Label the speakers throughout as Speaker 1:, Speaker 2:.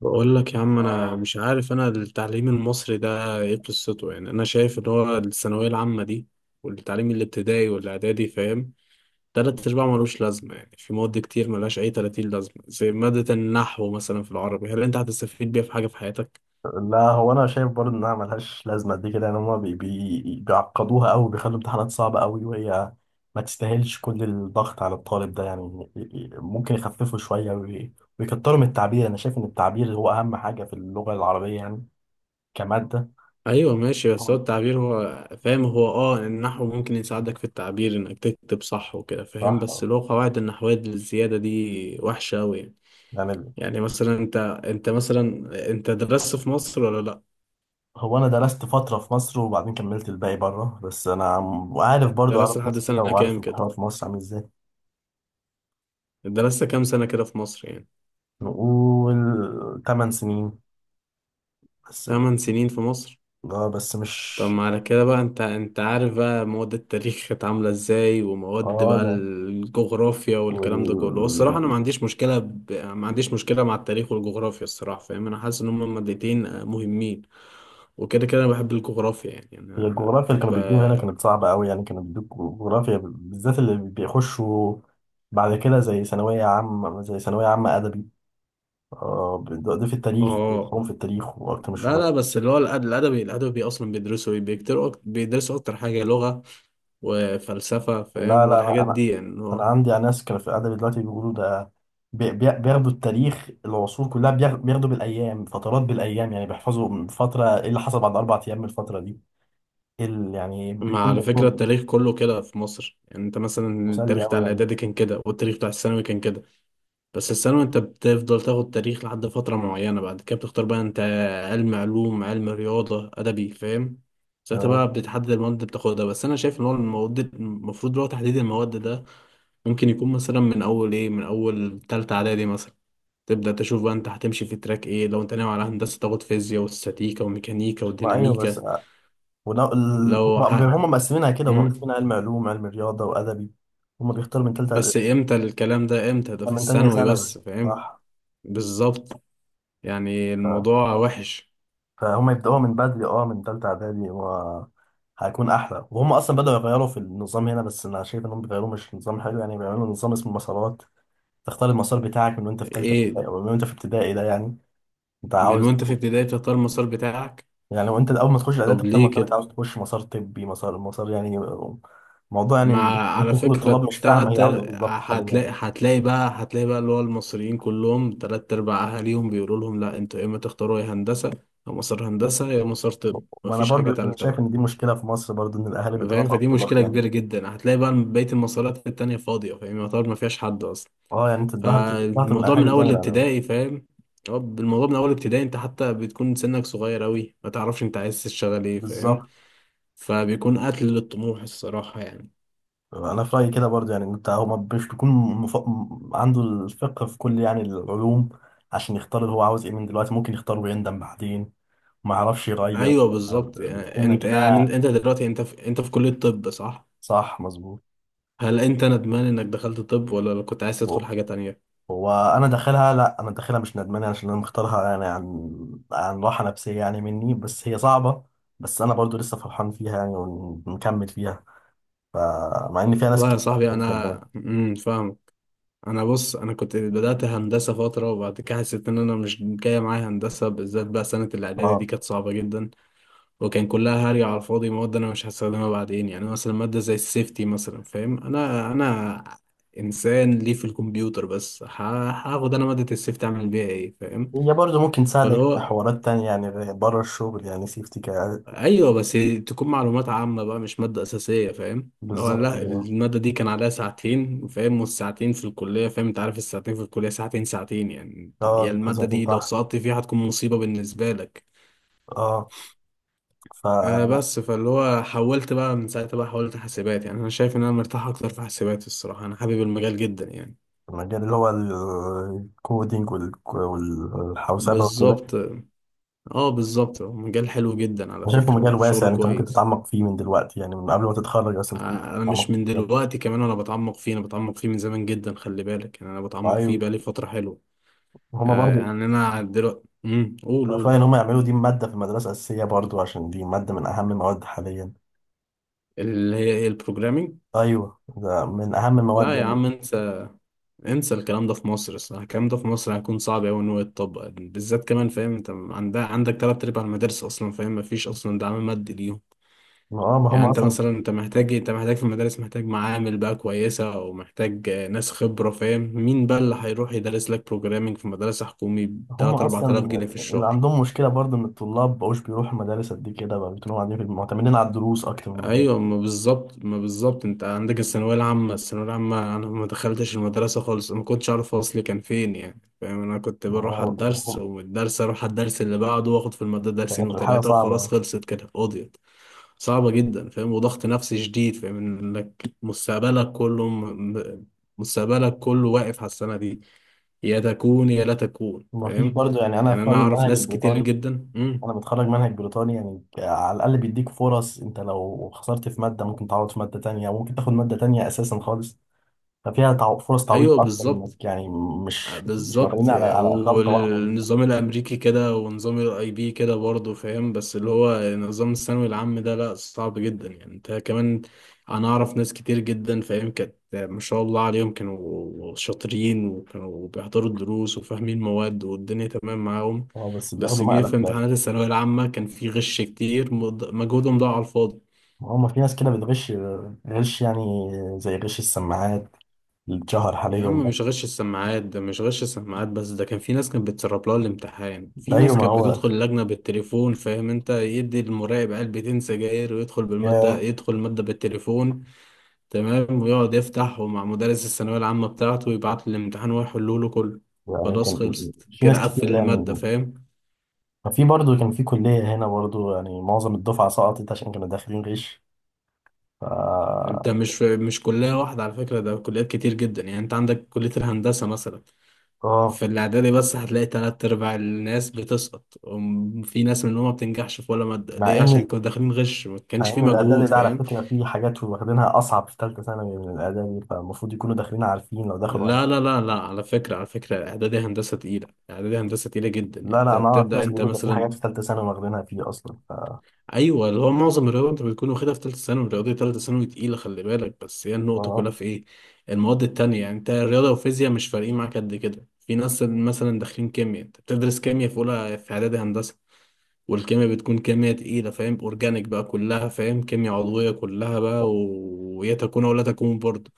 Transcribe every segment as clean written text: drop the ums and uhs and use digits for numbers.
Speaker 1: بقول لك يا عم، انا مش عارف، انا التعليم المصري ده ايه قصته؟ يعني انا شايف ان هو الثانويه العامه دي والتعليم الابتدائي والاعدادي، فاهم؟ تلات ارباع ملوش لازمه، يعني في مواد كتير ملهاش اي 30 لازمه، زي ماده النحو مثلا في العربي، هل انت هتستفيد بيها في حاجه في حياتك؟
Speaker 2: لا، هو انا شايف برضه انها ملهاش لازمه قد كده يعني. هما بي بي بيعقدوها قوي، بيخلوا امتحانات صعبه قوي، وهي ما تستاهلش كل الضغط على الطالب ده يعني. ممكن يخففوا شويه ويكتروا من التعبير. انا شايف ان التعبير هو اهم حاجه في اللغه العربيه يعني، كماده.
Speaker 1: ايوه ماشي، بس هو التعبير هو فاهم، هو النحو ممكن يساعدك في التعبير انك تكتب صح وكده، فاهم؟ بس
Speaker 2: صح
Speaker 1: لو قواعد النحويه الزياده دي وحشه قوي، يعني.
Speaker 2: يعني.
Speaker 1: يعني مثلا انت، انت مثلا انت درست في مصر ولا لا؟
Speaker 2: هو انا درست فتره في مصر وبعدين كملت الباقي بره، بس انا وعارف برضه
Speaker 1: درست
Speaker 2: عارف
Speaker 1: لحد
Speaker 2: ناس كتير،
Speaker 1: سنة
Speaker 2: وعارف
Speaker 1: كام كده؟
Speaker 2: القرار في مصر عامل ازاي.
Speaker 1: درست كام سنة كده في مصر يعني؟
Speaker 2: نقول 8 سنين بس.
Speaker 1: 8 سنين في مصر.
Speaker 2: اه بس مش.
Speaker 1: طب ما على كده بقى، انت عارف بقى مواد التاريخ كانت عاملة ازاي، ومواد
Speaker 2: اه
Speaker 1: بقى
Speaker 2: ده
Speaker 1: الجغرافيا
Speaker 2: وال
Speaker 1: والكلام ده كله. الصراحة انا ما عنديش مشكلة ما عنديش مشكلة مع التاريخ والجغرافيا، الصراحة، فاهم؟ انا حاسس ان هما مادتين مهمين. وكده كده انا بحب الجغرافيا، يعني
Speaker 2: هي
Speaker 1: انا
Speaker 2: الجغرافيا اللي كانوا
Speaker 1: ب...
Speaker 2: بيدوها هنا كانت صعبة أوي يعني. كانوا بيدوك جغرافيا بالذات اللي بيخشوا بعد كده زي ثانوية عامة أدبي. ده في التاريخ،
Speaker 1: اه
Speaker 2: بيدخلهم في التاريخ وقت مش
Speaker 1: لا
Speaker 2: الشغل.
Speaker 1: لا، بس اللي هو الادبي اصلا بيدرسوا ايه، بيكتروا، بيدرسوا اكتر حاجة لغة وفلسفة،
Speaker 2: لا
Speaker 1: فاهم؟
Speaker 2: لا، أنا
Speaker 1: والحاجات
Speaker 2: أنا
Speaker 1: دي يعني.
Speaker 2: أنا عندي ناس كانوا في أدبي دلوقتي بيقولوا ده. بياخدوا التاريخ العصور كلها، بياخدوا بالأيام، فترات بالأيام يعني. بيحفظوا من فترة إيه اللي حصل بعد 4 أيام من الفترة دي، إيه يعني.
Speaker 1: ما
Speaker 2: بيكون
Speaker 1: على فكرة
Speaker 2: موضوع
Speaker 1: التاريخ كله كده في مصر، يعني انت مثلا
Speaker 2: مسلي
Speaker 1: التاريخ بتاع
Speaker 2: أوي يعني.
Speaker 1: الاعدادي كان كده، والتاريخ بتاع الثانوي كان كده. بس الثانوي انت بتفضل تاخد تاريخ لحد فترة معينة، بعد كده بتختار بقى انت علم علوم، علم رياضة، ادبي، فاهم؟ ساعتها
Speaker 2: تمام.
Speaker 1: بقى بتحدد المواد اللي بتاخدها. بس انا شايف ان هو المواد المفروض اللي هو تحديد المواد ده ممكن يكون مثلا من اول ايه، من اول تالتة اعدادي مثلا، تبدأ تشوف بقى انت هتمشي في تراك ايه. لو انت ناوي على هندسة، تاخد فيزياء واستاتيكا وميكانيكا
Speaker 2: ما أيوه بس.
Speaker 1: وديناميكا. لو
Speaker 2: هم
Speaker 1: ح...
Speaker 2: هم مقسمينها كده، هم
Speaker 1: مم.
Speaker 2: مقسمين علم علوم، علم رياضة، وأدبي. هم بيختاروا من
Speaker 1: بس
Speaker 2: تالتة،
Speaker 1: امتى الكلام ده، امتى ده؟ في
Speaker 2: من تانية
Speaker 1: الثانوي
Speaker 2: ثانوي.
Speaker 1: بس، فاهم؟
Speaker 2: صح.
Speaker 1: بالظبط. يعني
Speaker 2: ف...
Speaker 1: الموضوع وحش.
Speaker 2: فهم يبدأوها من بدري، اه من تالتة إعدادي هيكون أحلى. وهم أصلا بدأوا يغيروا في النظام هنا، بس أنا شايف إنهم بيغيروا مش نظام حلو يعني. بيعملوا نظام اسمه مسارات. تختار المسار بتاعك من وأنت في تالتة
Speaker 1: ايه
Speaker 2: ابتدائي،
Speaker 1: ده؟
Speaker 2: أو من وأنت في ابتدائي ده يعني. أنت
Speaker 1: من
Speaker 2: عاوز
Speaker 1: وانت في ابتدائي بتختار المسار بتاعك؟
Speaker 2: يعني لو أنت أول ما تخش الإعدادي
Speaker 1: طب
Speaker 2: تختار
Speaker 1: ليه
Speaker 2: مسار، أنت
Speaker 1: كده؟
Speaker 2: عاوز تخش مسار طبي، مسار يعني. موضوع يعني.
Speaker 1: مع على
Speaker 2: ممكن كل
Speaker 1: فكرة
Speaker 2: الطلاب مش فاهمة هي عاوزة إيه بالظبط حاليا.
Speaker 1: هتلاقي هتلاقي بقى اللي هو المصريين كلهم تلات أرباع أهاليهم بيقولوا لهم لا، انتوا يا إما تختاروا يا هندسة، يا مسار هندسة، يا مسار طب،
Speaker 2: ما انا
Speaker 1: مفيش
Speaker 2: برضو
Speaker 1: حاجة
Speaker 2: انا
Speaker 1: تالتة
Speaker 2: شايف
Speaker 1: بقى،
Speaker 2: ان دي مشكله في مصر برضو، ان الاهالي
Speaker 1: فاهم؟
Speaker 2: بيضغطوا على
Speaker 1: فدي
Speaker 2: الطلاق
Speaker 1: مشكلة
Speaker 2: جامد.
Speaker 1: كبيرة جدا، هتلاقي بقى بقية المسارات التانية فاضية، فاهم؟ يعتبر مفيهاش حد أصلا.
Speaker 2: اه يعني انت الضغط من
Speaker 1: فالموضوع من
Speaker 2: الاهالي
Speaker 1: اول
Speaker 2: جامد على.
Speaker 1: ابتدائي، فاهم؟ هو الموضوع من اول ابتدائي، انت حتى بتكون سنك صغير اوي، ما تعرفش انت عايز تشتغل ايه، فاهم؟
Speaker 2: بالظبط.
Speaker 1: فبيكون قتل للطموح، الصراحة يعني.
Speaker 2: انا في رايي كده برضو يعني. انت هو ما مش بيكون عنده الفقه في كل يعني العلوم عشان يختار اللي هو عاوز ايه من دلوقتي. ممكن يختار ويندم بعدين، ما يعرفش يغير.
Speaker 1: ايوه بالظبط، يعني
Speaker 2: بتكون
Speaker 1: انت،
Speaker 2: لكنها.
Speaker 1: يعني انت دلوقتي، انت في كلية طب، صح؟
Speaker 2: صح، مظبوط.
Speaker 1: هل انت ندمان انك دخلت طب، ولا كنت عايز تدخل حاجة تانية؟
Speaker 2: هو انا داخلها، لا، انا داخلها مش ندمان، عشان انا مختارها يعني عن راحه نفسيه يعني مني. بس هي صعبه، بس انا برضو لسه فرحان فيها يعني، ونكمل فيها. فمع ان فيها ناس
Speaker 1: والله يا
Speaker 2: كتير.
Speaker 1: صاحبي،
Speaker 2: مش
Speaker 1: انا
Speaker 2: ندمان.
Speaker 1: فاهم. انا بص، انا كنت بدأت هندسة فترة، وبعد كده حسيت ان انا مش جاية معايا هندسة، بالذات بقى سنة الاعدادي دي
Speaker 2: اه.
Speaker 1: كانت صعبة جدا. وكان كلها هري على الفاضي، مواد انا مش هستخدمها بعدين، يعني مثلا ماده زي السيفتي مثلا، فاهم؟ انا انسان ليه في الكمبيوتر، بس هاخد انا ماده السيفتي اعمل بيها ايه، فاهم؟
Speaker 2: هي برضو ممكن
Speaker 1: فاللي
Speaker 2: تساعدك في
Speaker 1: هو،
Speaker 2: حوارات تانية يعني بره الشغل. يعني سيفتي
Speaker 1: ايوه بس تكون معلومات عامه بقى، مش ماده اساسيه، فاهم؟ اللي هو
Speaker 2: بالظبط
Speaker 1: لا،
Speaker 2: كده.
Speaker 1: الماده دي كان عليها ساعتين، فاهم؟ والساعتين في الكليه، فاهم؟ انت عارف الساعتين في الكليه، ساعتين ساعتين يعني
Speaker 2: اه
Speaker 1: يعني
Speaker 2: بيكون
Speaker 1: الماده
Speaker 2: ساعتين
Speaker 1: دي لو
Speaker 2: تحت.
Speaker 1: سقطت فيها هتكون مصيبه بالنسبه لك.
Speaker 2: اه، فالمجال.
Speaker 1: بس فاللي هو حولت بقى من ساعتها، بقى حولت حاسبات، يعني انا شايف ان انا مرتاح اكتر في حاسبات الصراحه، انا حابب المجال جدا يعني.
Speaker 2: اللي هو الكودينج والحوسبة وكده.
Speaker 1: بالظبط. اه بالظبط، هو مجال حلو جدا على
Speaker 2: انا شايفه
Speaker 1: فكره،
Speaker 2: مجال واسع
Speaker 1: وشغله
Speaker 2: يعني. انت ممكن
Speaker 1: كويس.
Speaker 2: تتعمق فيه من دلوقتي يعني، من قبل ما تتخرج
Speaker 1: آه،
Speaker 2: اصلا تكون
Speaker 1: انا مش
Speaker 2: تتعمق في
Speaker 1: من
Speaker 2: المجال.
Speaker 1: دلوقتي كمان، انا بتعمق فيه، انا بتعمق فيه من زمان جدا، خلي بالك، يعني انا بتعمق فيه
Speaker 2: ايوه.
Speaker 1: بقالي فتره حلوه.
Speaker 2: هما برضو.
Speaker 1: يعني انا دلوقتي قول
Speaker 2: انا فاهم
Speaker 1: قول.
Speaker 2: ان هما يعملوا دي ماده في المدرسه اساسيه برضو، عشان دي ماده من اهم المواد حاليا.
Speaker 1: اللي هي ايه، البروجرامينج؟
Speaker 2: ايوه ده من اهم المواد
Speaker 1: لا يا
Speaker 2: يعني.
Speaker 1: عم، انسى انسى الكلام ده في مصر، الصراحة الكلام ده في مصر هيكون صعب أوي إن هو يتطبق، بالذات كمان، فاهم؟ أنت عندك تلات أرباع المدارس أصلا، فاهم؟ مفيش أصلا دعم مادي ليهم.
Speaker 2: ما هم
Speaker 1: يعني أنت
Speaker 2: اصلا
Speaker 1: مثلا، أنت محتاج في المدارس، محتاج معامل بقى كويسة، أو محتاج ناس خبرة، فاهم؟ مين بقى اللي هيروح يدرس لك بروجرامينج في مدرسة حكومي
Speaker 2: هم
Speaker 1: بتلات أربع
Speaker 2: اصلا
Speaker 1: تلاف جنيه في
Speaker 2: اللي
Speaker 1: الشهر؟
Speaker 2: عندهم مشكله برضو ان الطلاب مبقوش بيروحوا المدارس قد كده بقى، بيكونوا قاعدين في، معتمدين على الدروس اكتر من المدارس.
Speaker 1: ايوه ما بالظبط انت عندك الثانويه العامه، الثانويه العامه انا ما دخلتش المدرسه خالص، ما كنتش اعرف اصلي كان فين يعني، فاهم؟ انا كنت
Speaker 2: ما
Speaker 1: بروح على
Speaker 2: هو
Speaker 1: الدرس،
Speaker 2: يعني.
Speaker 1: ومن الدرس اروح على الدرس اللي بعده، واخد في الماده درسين
Speaker 2: كانت الحاله
Speaker 1: وثلاثه
Speaker 2: صعبه
Speaker 1: وخلاص،
Speaker 2: يعني.
Speaker 1: خلصت كده، قضيت. صعبه جدا، فاهم، وضغط نفسي شديد، فاهم، انك مستقبلك كله مستقبلك كله واقف على السنه دي، يا تكون يا لا تكون،
Speaker 2: ما فيش
Speaker 1: فاهم؟
Speaker 2: برضو. يعني انا
Speaker 1: يعني
Speaker 2: في
Speaker 1: انا
Speaker 2: رايي
Speaker 1: اعرف
Speaker 2: المنهج
Speaker 1: ناس كتير
Speaker 2: البريطاني،
Speaker 1: جدا
Speaker 2: انا متخرج منهج بريطاني. يعني على الاقل بيديك فرص. انت لو خسرت في ماده ممكن تعوض في ماده تانية، او ممكن تاخد ماده تانية اساسا خالص. ففيها فرص تعويض
Speaker 1: ايوه
Speaker 2: اكتر
Speaker 1: بالظبط.
Speaker 2: انك يعني مش
Speaker 1: بالظبط
Speaker 2: معتمدين على
Speaker 1: يعني،
Speaker 2: على غلطه واحده دي.
Speaker 1: والنظام الامريكي كده، ونظام الاي بي كده برضه، فاهم؟ بس اللي هو نظام الثانوي العام ده لا، صعب جدا يعني، انت كمان. انا اعرف ناس كتير جدا، فاهم، كانت ما شاء الله عليهم، كانوا شاطرين، وكانوا بيحضروا الدروس، وفاهمين مواد، والدنيا تمام معاهم.
Speaker 2: اه بس
Speaker 1: بس
Speaker 2: بياخدوا
Speaker 1: جه
Speaker 2: مقلب
Speaker 1: في
Speaker 2: في الاخر.
Speaker 1: امتحانات الثانوية العامة كان في غش كتير، مجهودهم ضاع على الفاضي.
Speaker 2: هم في ناس كده بتغش، غش يعني، زي غش السماعات اللي اتشهر
Speaker 1: يا
Speaker 2: حاليا
Speaker 1: عم
Speaker 2: ده.
Speaker 1: مش غش السماعات، ده مش غش السماعات بس، ده كان في ناس كانت بتسرب لها الامتحان، في
Speaker 2: ده ايوه
Speaker 1: ناس
Speaker 2: ما
Speaker 1: كانت
Speaker 2: هو.
Speaker 1: بتدخل اللجنة بالتليفون، فاهم؟ انت يدي المراقب علبتين سجاير، ويدخل بالمادة،
Speaker 2: ياه.
Speaker 1: يدخل المادة بالتليفون، تمام، ويقعد يفتح ومع مدرس الثانوية العامة بتاعته، ويبعت له الامتحان، ويحله له كله،
Speaker 2: يعني
Speaker 1: خلاص،
Speaker 2: كان
Speaker 1: خلصت
Speaker 2: في ناس
Speaker 1: كده،
Speaker 2: كتير
Speaker 1: قفل المادة،
Speaker 2: يعني.
Speaker 1: فاهم؟
Speaker 2: ففي برضه كان في كليه هنا برضه، يعني معظم الدفعه سقطت عشان كانوا داخلين غش. ف...
Speaker 1: ده مش كلية واحدة على فكرة، ده كليات كتير جدا، يعني انت عندك كلية الهندسة مثلا،
Speaker 2: اه.
Speaker 1: في الإعدادي بس هتلاقي تلات أرباع الناس بتسقط، وفي ناس منهم ما بتنجحش في ولا مادة،
Speaker 2: مع
Speaker 1: ليه؟ عشان
Speaker 2: ان
Speaker 1: كانوا داخلين غش، ما
Speaker 2: مع
Speaker 1: كانش في
Speaker 2: ان الاعدادي
Speaker 1: مجهود،
Speaker 2: ده على
Speaker 1: فاهم؟
Speaker 2: فكره فيه حاجات واخدينها اصعب في ثالثه ثانوي من الاعدادي، فالمفروض يكونوا داخلين عارفين لو دخلوا
Speaker 1: لا لا لا لا، على فكرة، على فكرة إعدادي هندسة تقيلة، إعدادي هندسة تقيلة جدا يعني،
Speaker 2: لا
Speaker 1: أنت
Speaker 2: لا انا اعرف
Speaker 1: بتبدأ
Speaker 2: ناس
Speaker 1: أنت
Speaker 2: بيقولوا ده في
Speaker 1: مثلا،
Speaker 2: حاجات في ثالثه ثانوي واخدينها فيه اصلا.
Speaker 1: أيوه اللي هو معظم الرياضة أنت بتكون واخدها في تالتة ثانوي، الرياضة تالتة ثانوي تقيلة خلي بالك، بس هي النقطة
Speaker 2: و-
Speaker 1: كلها في إيه؟ المواد التانية، يعني أنت الرياضة والفيزياء مش فارقين معاك قد كده. في ناس مثلا داخلين كيمياء، أنت بتدرس كيمياء في أولى في إعدادي هندسة، والكيمياء بتكون كيمياء تقيلة، فاهم؟ أورجانيك بقى كلها، فاهم، كيمياء عضوية كلها بقى، ويا تكون ولا تكون برضه.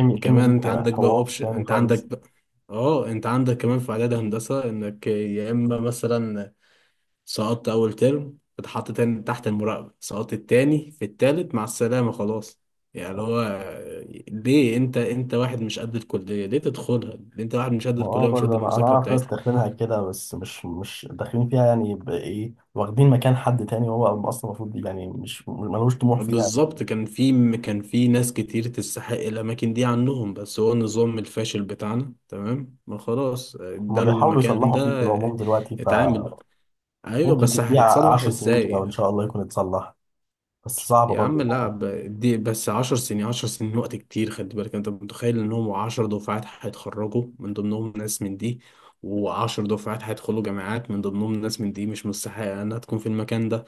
Speaker 2: الكيمياء
Speaker 1: وكمان أنت
Speaker 2: دي
Speaker 1: عندك بقى
Speaker 2: حوار
Speaker 1: أوبشن،
Speaker 2: تاني
Speaker 1: أنت عندك
Speaker 2: خالص.
Speaker 1: بقى، أه أنت عندك كمان في إعداد هندسة إنك يا إما مثلا سقطت أول ترم، اتحط تاني تحت المراقبة، سقطت التاني في التالت مع السلامة، خلاص. يعني اللي هو، ليه أنت واحد مش قد الكلية ليه تدخلها؟ ليه أنت واحد مش قد
Speaker 2: ما اه
Speaker 1: الكلية ومش قد
Speaker 2: برضه، انا
Speaker 1: المذاكرة
Speaker 2: اعرف ناس
Speaker 1: بتاعتها.
Speaker 2: داخلينها كده، بس مش داخلين فيها يعني بايه، واخدين مكان حد تاني هو اصلا المفروض يعني. مش ملوش طموح فيها.
Speaker 1: بالظبط كان في ناس كتير تستحق الأماكن دي عنهم، بس هو النظام الفاشل بتاعنا تمام، ما خلاص
Speaker 2: هما
Speaker 1: ده
Speaker 2: بيحاولوا
Speaker 1: المكان
Speaker 2: يصلحوا
Speaker 1: ده.
Speaker 2: فيه في العموم
Speaker 1: آه،
Speaker 2: دلوقتي،
Speaker 1: اتعامل
Speaker 2: فممكن
Speaker 1: بقى. أيوة، بس
Speaker 2: تديه
Speaker 1: هيتصلح
Speaker 2: 10 سنين كده
Speaker 1: إزاي؟
Speaker 2: وان شاء الله يكون اتصلح. بس صعبه
Speaker 1: يا عم
Speaker 2: برضه.
Speaker 1: لا ب- دي بس 10 سنين، 10 سنين وقت كتير خلي بالك، أنت متخيل إن هم 10 دفعات هيتخرجوا من ضمنهم ناس من دي، وعشر دفعات هيدخلوا جامعات من ضمنهم ناس من دي، مش مستحقة إنها تكون في المكان ده،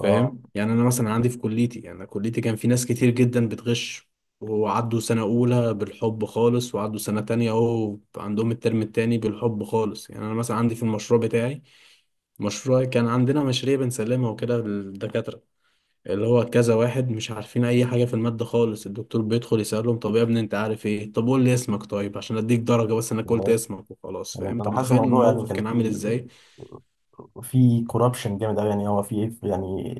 Speaker 2: اه
Speaker 1: يعني انا مثلا عندي في كليتي، يعني انا كليتي كان في ناس كتير جدا بتغش، وعدوا سنة أولى بالحب خالص، وعدوا سنة تانية أهو عندهم الترم التاني بالحب خالص، يعني أنا مثلا عندي في المشروع بتاعي، مشروع كان عندنا مشاريع بنسلمها وكده للدكاترة، اللي هو كذا واحد مش عارفين أي حاجة في المادة خالص، الدكتور بيدخل يسألهم، طب يا ابني أنت عارف إيه؟ طب قول لي اسمك، طيب عشان أديك درجة، بس أنا
Speaker 2: يعني.
Speaker 1: قلت اسمك وخلاص، فاهم؟
Speaker 2: انا
Speaker 1: أنت
Speaker 2: أنا حاسس
Speaker 1: متخيل
Speaker 2: الموضوع يعني
Speaker 1: الموقف
Speaker 2: كان
Speaker 1: كان عامل
Speaker 2: فيه،
Speaker 1: إزاي.
Speaker 2: في كوربشن جامد قوي يعني. هو في يعني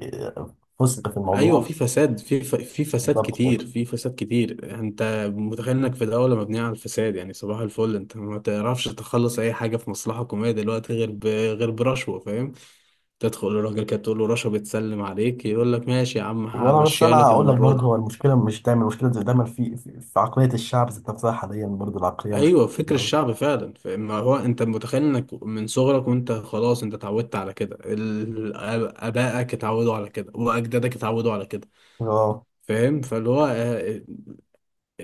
Speaker 2: فسق في
Speaker 1: ايوه
Speaker 2: الموضوع.
Speaker 1: في فساد، في فساد
Speaker 2: بالظبط كده.
Speaker 1: كتير، في فساد كتير، انت متخيل انك في دوله مبنيه على الفساد يعني، صباح الفل. انت ما تعرفش تخلص اي حاجه في مصلحه حكوميه دلوقتي غير غير برشوه، فاهم؟ تدخل للراجل كده تقول له رشوه بتسلم عليك، يقول لك ماشي يا عم
Speaker 2: وانا، بس
Speaker 1: همشيها
Speaker 2: انا
Speaker 1: لك
Speaker 2: اقول لك
Speaker 1: المره
Speaker 2: برضه،
Speaker 1: دي.
Speaker 2: هو المشكله مش دايما، المشكله زي دايما في في عقليه الشعب ذات نفسها. حاليا برضه العقليه مش
Speaker 1: ايوه فكر
Speaker 2: كده قوي.
Speaker 1: الشعب فعلا، فما هو انت متخيل انك من صغرك وانت خلاص انت اتعودت على كده، ابائك اتعودوا على كده، واجدادك اتعودوا على كده،
Speaker 2: اه.
Speaker 1: فاهم؟ فاللي هو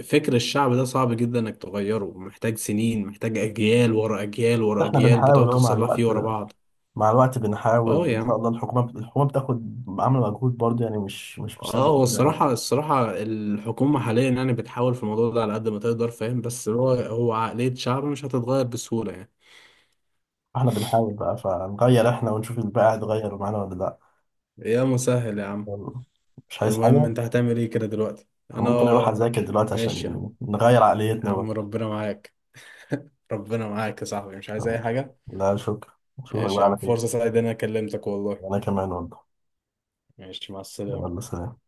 Speaker 1: فكر الشعب ده صعب جدا انك تغيره، محتاج سنين، محتاج اجيال ورا اجيال ورا
Speaker 2: احنا
Speaker 1: اجيال
Speaker 2: بنحاول
Speaker 1: بتقعد
Speaker 2: اهو مع
Speaker 1: تصلح فيه
Speaker 2: الوقت،
Speaker 1: ورا بعض.
Speaker 2: مع الوقت
Speaker 1: اه
Speaker 2: بنحاول ان
Speaker 1: يا
Speaker 2: شاء الله.
Speaker 1: عم،
Speaker 2: الحكومه بتاخد، عامله مجهود برضه يعني. مش
Speaker 1: اه
Speaker 2: سايبه
Speaker 1: هو
Speaker 2: كده برضه.
Speaker 1: الصراحة، الصراحة الحكومة حاليا يعني بتحاول في الموضوع ده على قد ما تقدر، فاهم؟ بس هو عقلية شعب مش هتتغير بسهولة يعني.
Speaker 2: احنا بنحاول بقى، فنغير احنا، ونشوف الباقي هيتغير معانا ولا لا.
Speaker 1: يا مسهل يا عم.
Speaker 2: مش عايز
Speaker 1: المهم
Speaker 2: حاجه.
Speaker 1: انت هتعمل ايه كده دلوقتي؟ انا،
Speaker 2: ممكن اروح اذاكر دلوقتي عشان
Speaker 1: ماشي يا عم.
Speaker 2: نغير
Speaker 1: يا
Speaker 2: عقليتنا بقى.
Speaker 1: عم ربنا معاك، ربنا معاك يا صاحبي، مش عايز اي حاجة.
Speaker 2: لا شكرا. اشوفك
Speaker 1: ماشي
Speaker 2: بقى
Speaker 1: يا عم،
Speaker 2: على خير.
Speaker 1: فرصة سعيدة إن انا كلمتك والله،
Speaker 2: انا كمان والله.
Speaker 1: ماشي، مع
Speaker 2: يلا،
Speaker 1: السلامة.
Speaker 2: سلام.